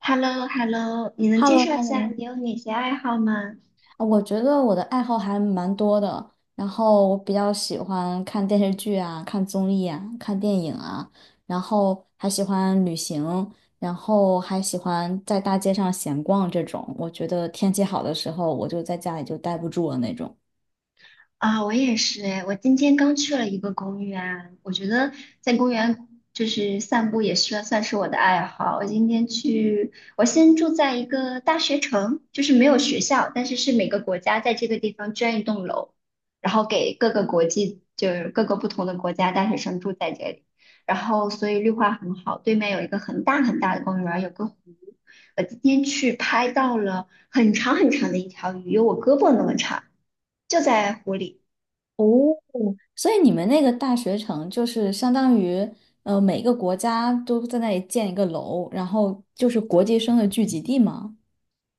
h e l l o h e l l o 你能 h e l 介 l o h 绍一 e l l 下 o 你有哪些爱好吗？我觉得我的爱好还蛮多的，然后我比较喜欢看电视剧啊，看综艺啊，看电影啊，然后还喜欢旅行，然后还喜欢在大街上闲逛这种。我觉得天气好的时候，我就在家里就待不住了那种。啊，我也是哎，我今天刚去了一个公园，我觉得在公园就是散步也是算是我的爱好。我今天去，我先住在一个大学城，就是没有学校，但是是每个国家在这个地方捐一栋楼，然后给各个国际，就是各个不同的国家大学生住在这里，然后所以绿化很好，对面有一个很大很大的公园，有个湖。我今天去拍到了很长很长的一条鱼，有我胳膊那么长。就在湖里。哦，所以你们那个大学城就是相当于，每个国家都在那里建一个楼，然后就是国际生的聚集地吗？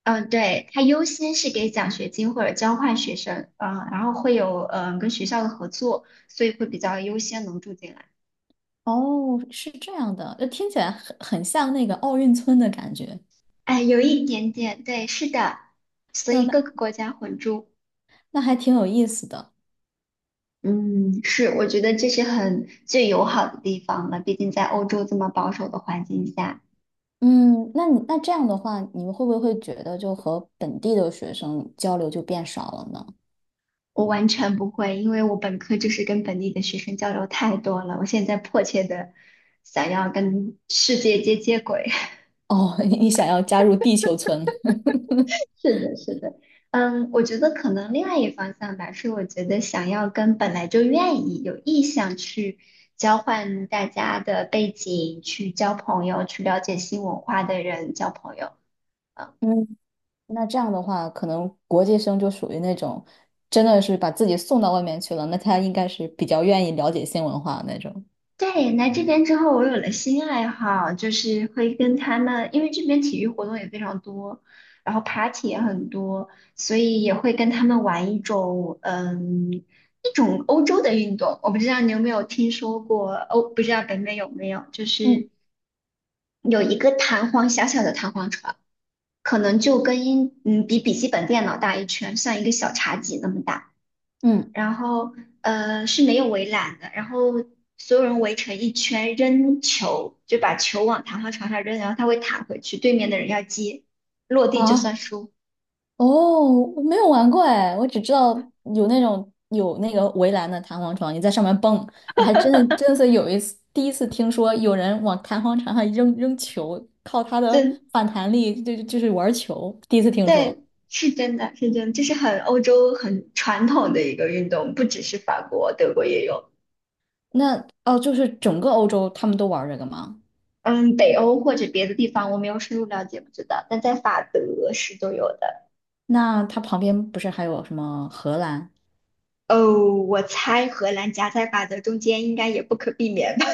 嗯，对，它优先是给奖学金或者交换学生，嗯，然后会有跟学校的合作，所以会比较优先能住进来。哦，是这样的，听起来很像那个奥运村的感觉。哎，有一点点，对，是的，所以嗯，各个那国家混住。那还挺有意思的。嗯，是，我觉得这是很最友好的地方了。毕竟在欧洲这么保守的环境下，嗯，那你那这样的话，你们会不会觉得就和本地的学生交流就变少了呢？我完全不会，因为我本科就是跟本地的学生交流太多了，我现在迫切的想要跟世界接轨。哦，你想要加入地球村？是的，是的，嗯，我觉得可能另外一方向吧，是我觉得想要跟本来就愿意有意向去交换大家的背景，去交朋友，去了解新文化的人交朋友。嗯，嗯，那这样的话，可能国际生就属于那种真的是把自己送到外面去了，那他应该是比较愿意了解新文化的那种。对，来这边之后，我有了新爱好，就是会跟他们，因为这边体育活动也非常多，然后 party 也很多，所以也会跟他们玩一种，嗯，一种欧洲的运动。我不知道你有没有听说过，不知道北美有没有，就嗯是有一个弹簧，小小的弹簧床，可能就跟英，嗯，比笔记本电脑大一圈，像一个小茶几那么大。嗯然后是没有围栏的，然后所有人围成一圈扔球，就把球往弹簧床上扔，然后它会弹回去，对面的人要接，落地就啊，算输。哦，我没有玩过哎，我只知道有那种有那个围栏的弹簧床，你在上面蹦，我还真的是有一次第一次听说有人往弹簧床上扔球，靠它的真，反弹力就是玩球，第一次听说。对，是真的，是真的，这是很欧洲很传统的一个运动，不只是法国，德国也有。那哦，就是整个欧洲他们都玩这个吗？嗯，北欧或者别的地方我没有深入了解，不知道，但在法德是都有的。那它旁边不是还有什么荷兰？哦，我猜荷兰夹在法德中间应该也不可避免吧。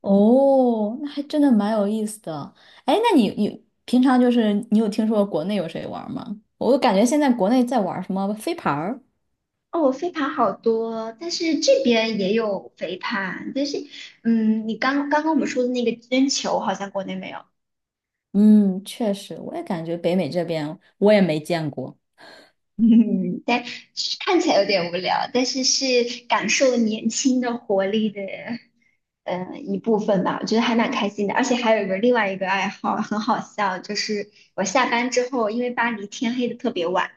哦，那还真的蛮有意思的。哎，那你你平常就是你有听说过国内有谁玩吗？我感觉现在国内在玩什么飞盘儿？哦，飞盘好多，但是这边也有飞盘，但是，嗯，你刚刚我们说的那个扔球好像国内没有。嗯，确实，我也感觉北美这边我也没见过。嗯，但是看起来有点无聊，但是是感受年轻的活力的，一部分吧，我觉得还蛮开心的，而且还有一个另外一个爱好很好笑，就是我下班之后，因为巴黎天黑的特别晚，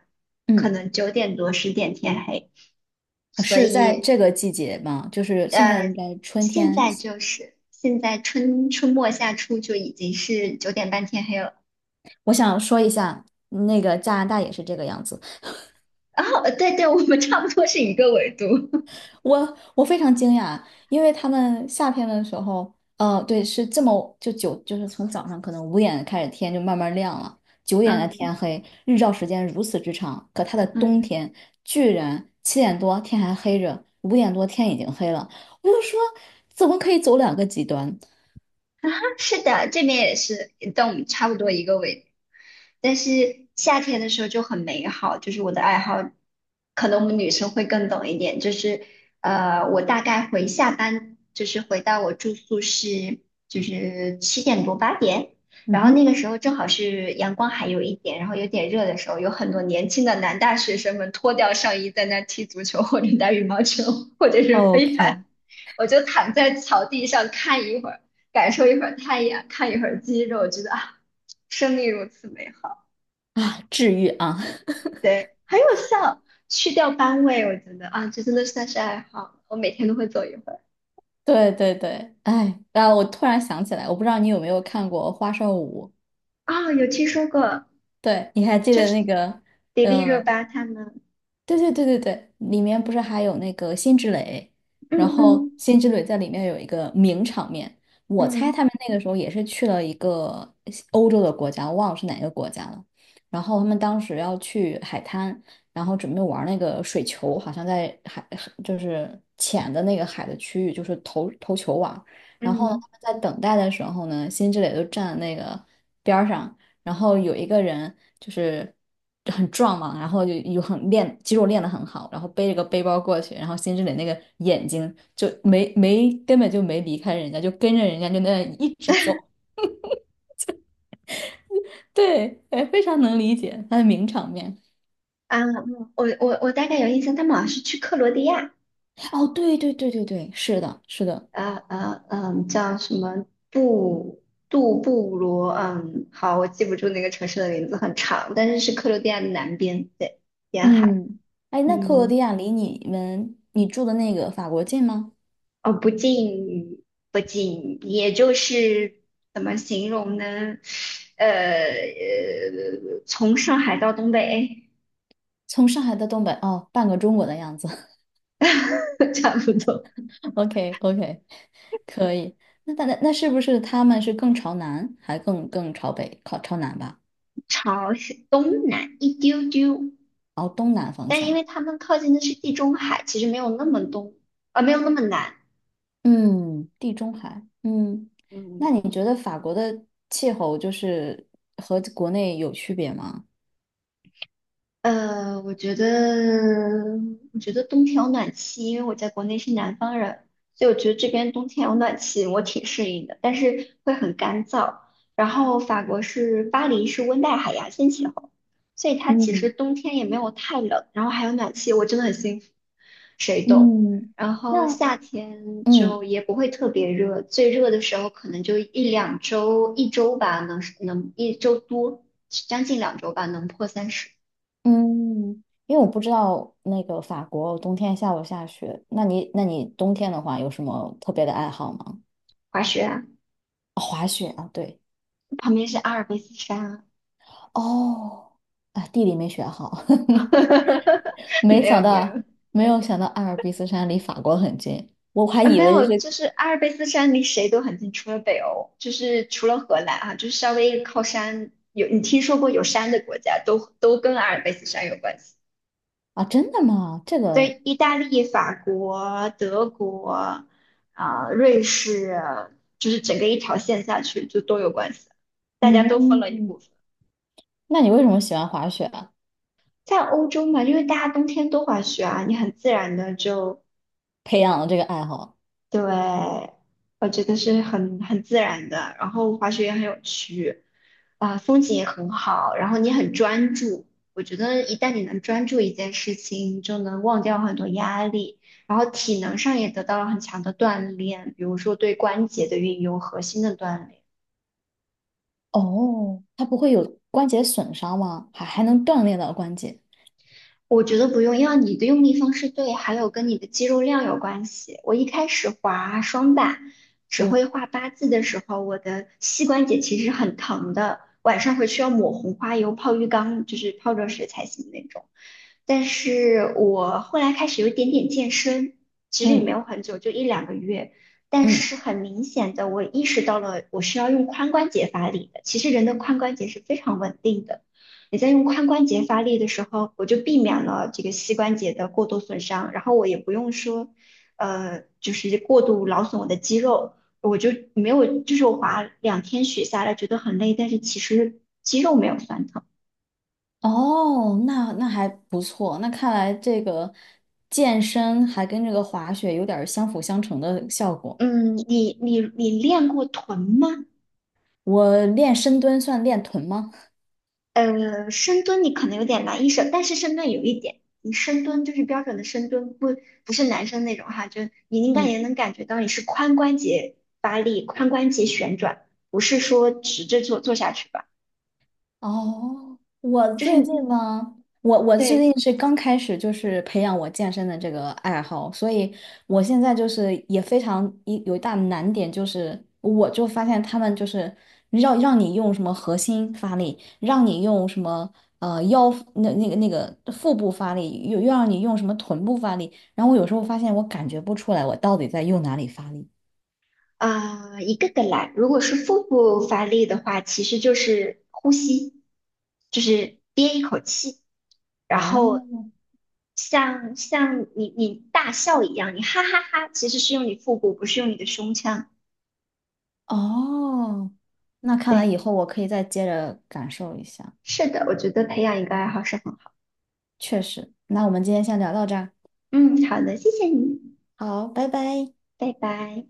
可嗯，能9点多10点天黑。所是在以。这个季节吗？就是现在呃，应该春现天。在就是现在春末夏初就已经是9点半天黑了。我想说一下，那个加拿大也是这个样子。然后，对对，我们差不多是一个纬度。我我非常惊讶，因为他们夏天的时候，对，是这么就九，就是从早上可能五点开始天就慢慢亮了，九点的天嗯黑，日照时间如此之长。可它的冬嗯。天居然七点多天还黑着，五点多天已经黑了。我就说，怎么可以走两个极端 是的，这边也是，但我们差不多一个纬度。但是夏天的时候就很美好，就是我的爱好，可能我们女生会更懂一点。就是我大概回下班，就是回到我住宿是就是7点多8点，嗯然后那哼个时候正好是阳光还有一点，然后有点热的时候，有很多年轻的男大学生们脱掉上衣在那踢足球或者打羽毛球或者是飞盘，，OK，我就躺在草地上看一会儿。感受一会儿太阳，看一会儿鸡肉，觉得啊，生命如此美好。啊？治愈啊！对，很有效，去掉班味，我觉得啊，这真的算是爱好，我每天都会走一会儿。对对对，哎，啊，我突然想起来，我不知道你有没有看过《花少五》，啊，有听说过，对，你还记就得那是个？迪丽热嗯？巴他们。对对对对对，里面不是还有那个辛芷蕾，嗯然后嗯辛芷蕾在里面有一个名场面，我猜嗯他们那个时候也是去了一个西欧洲的国家，我忘了是哪个国家了。然后他们当时要去海滩，然后准备玩那个水球，好像在海就是浅的那个海的区域，就是投球网。然后呢嗯，他们在等待的时候呢，辛芷蕾就站在那个边儿上，然后有一个人就是很壮嘛，然后就有很练肌肉练得很好，然后背着个背包过去，然后辛芷蕾那个眼睛就没根本就没离开人家，就跟着人家就那样一直走。对，哎，非常能理解他的名场面。啊，我大概有印象，他们好像是去克罗地亚。哦，对对对对对，是的，是的，叫什么布杜布罗，嗯，好，我记不住那个城市的名字，很长，但是是克罗地亚的南边，对，沿海。嗯，哎，那克罗嗯，地亚离你们你住的那个法国近吗？哦，不近不近，也就是怎么形容呢？从上海到东北。从上海到东北，哦，半个中国的样子。差不多。OK OK，可以。那那那是不是他们是更朝南，还更更朝北，靠朝南吧？朝东南一丢丢，朝东南方但因向。为他们靠近的是地中海，其实没有那么东，没有那么难。嗯，地中海。嗯，嗯。那你觉得法国的气候就是和国内有区别吗？呃，我觉得，我觉得冬天有暖气，因为我在国内是南方人，所以我觉得这边冬天有暖气，我挺适应的，但是会很干燥。然后法国是巴黎是温带海洋性气候，所以它其实嗯冬天也没有太冷，然后还有暖气，我真的很幸福，谁懂？嗯，然后那夏天就嗯也不会特别热，最热的时候可能就1~2周，一周吧，能一周多，将近两周吧，能破30。嗯，因为我不知道那个法国冬天下不下雪，那你那你冬天的话有什么特别的爱好吗？滑雪啊，哦滑雪啊，对。旁边是阿尔卑斯山哦，啊，地理没学好，啊。没没想有没到，有，没有想到阿尔卑斯山离法国很近，我还啊，以没为有，是就是阿尔卑斯山离谁都很近，除了北欧，就是除了荷兰啊，就是稍微靠山有你听说过有山的国家都跟阿尔卑斯山有关系，啊，真的吗？这个，对，意大利、法国、德国啊、瑞士，就是整个一条线下去就都有关系，大家都分了一嗯，部分。那你为什么喜欢滑雪啊？在欧洲嘛，因为大家冬天都滑雪啊，你很自然的就培养了这个爱好？对，我觉得是很自然的，然后滑雪也很有趣，啊、风景也很好，然后你很专注。我觉得一旦你能专注一件事情，你就能忘掉很多压力，然后体能上也得到了很强的锻炼，比如说对关节的运用、核心的锻炼。哦，它不会有关节损伤吗？还还能锻炼到关节？我觉得不用，要你的用力方式对，还有跟你的肌肉量有关系。我一开始滑双板，只会嗯画八字的时候，我的膝关节其实很疼的，晚上回去要抹红花油泡浴缸，就是泡热水才行那种。但是我后来开始有一点点健身，其实也没嗯有很久，就1~2个月。但嗯，是很明显的，我意识到了我需要用髋关节发力的。其实人的髋关节是非常稳定的。你在用髋关节发力的时候，我就避免了这个膝关节的过度损伤，然后我也不用说，就是过度劳损我的肌肉，我就没有，就是我滑2天雪下来觉得很累，但是其实肌肉没有酸疼。哦，那那还不错，那看来这个健身还跟这个滑雪有点儿相辅相成的效果。嗯，你练过臀吗？我练深蹲算练臀吗？深蹲你可能有点难一手，但是深蹲有一点，你深蹲就是标准的深蹲，不是男生那种哈，就你应该也嗯，能感觉到你是髋关节发力、髋关节旋转，不是说直着做下去吧，哦，我就是最你近呢，我我最对。近是刚开始就是培养我健身的这个爱好，所以我现在就是也非常一有一大难点就是，我就发现他们就是让让你用什么核心发力，让你用什么腰那那个那个腹部发力，又又让你用什么臀部发力，然后我有时候发现我感觉不出来我到底在用哪里发力。一个个来。如果是腹部发力的话，其实就是呼吸，就是憋一口气，然后哦，像你大笑一样，你哈哈哈，其实是用你腹部，不是用你的胸腔。哦，那看来对，以后我可以再接着感受一下，是的，我觉得培养一个爱好是很好。确实。那我们今天先聊到这儿，嗯，好的，谢谢你，好，拜拜。拜拜。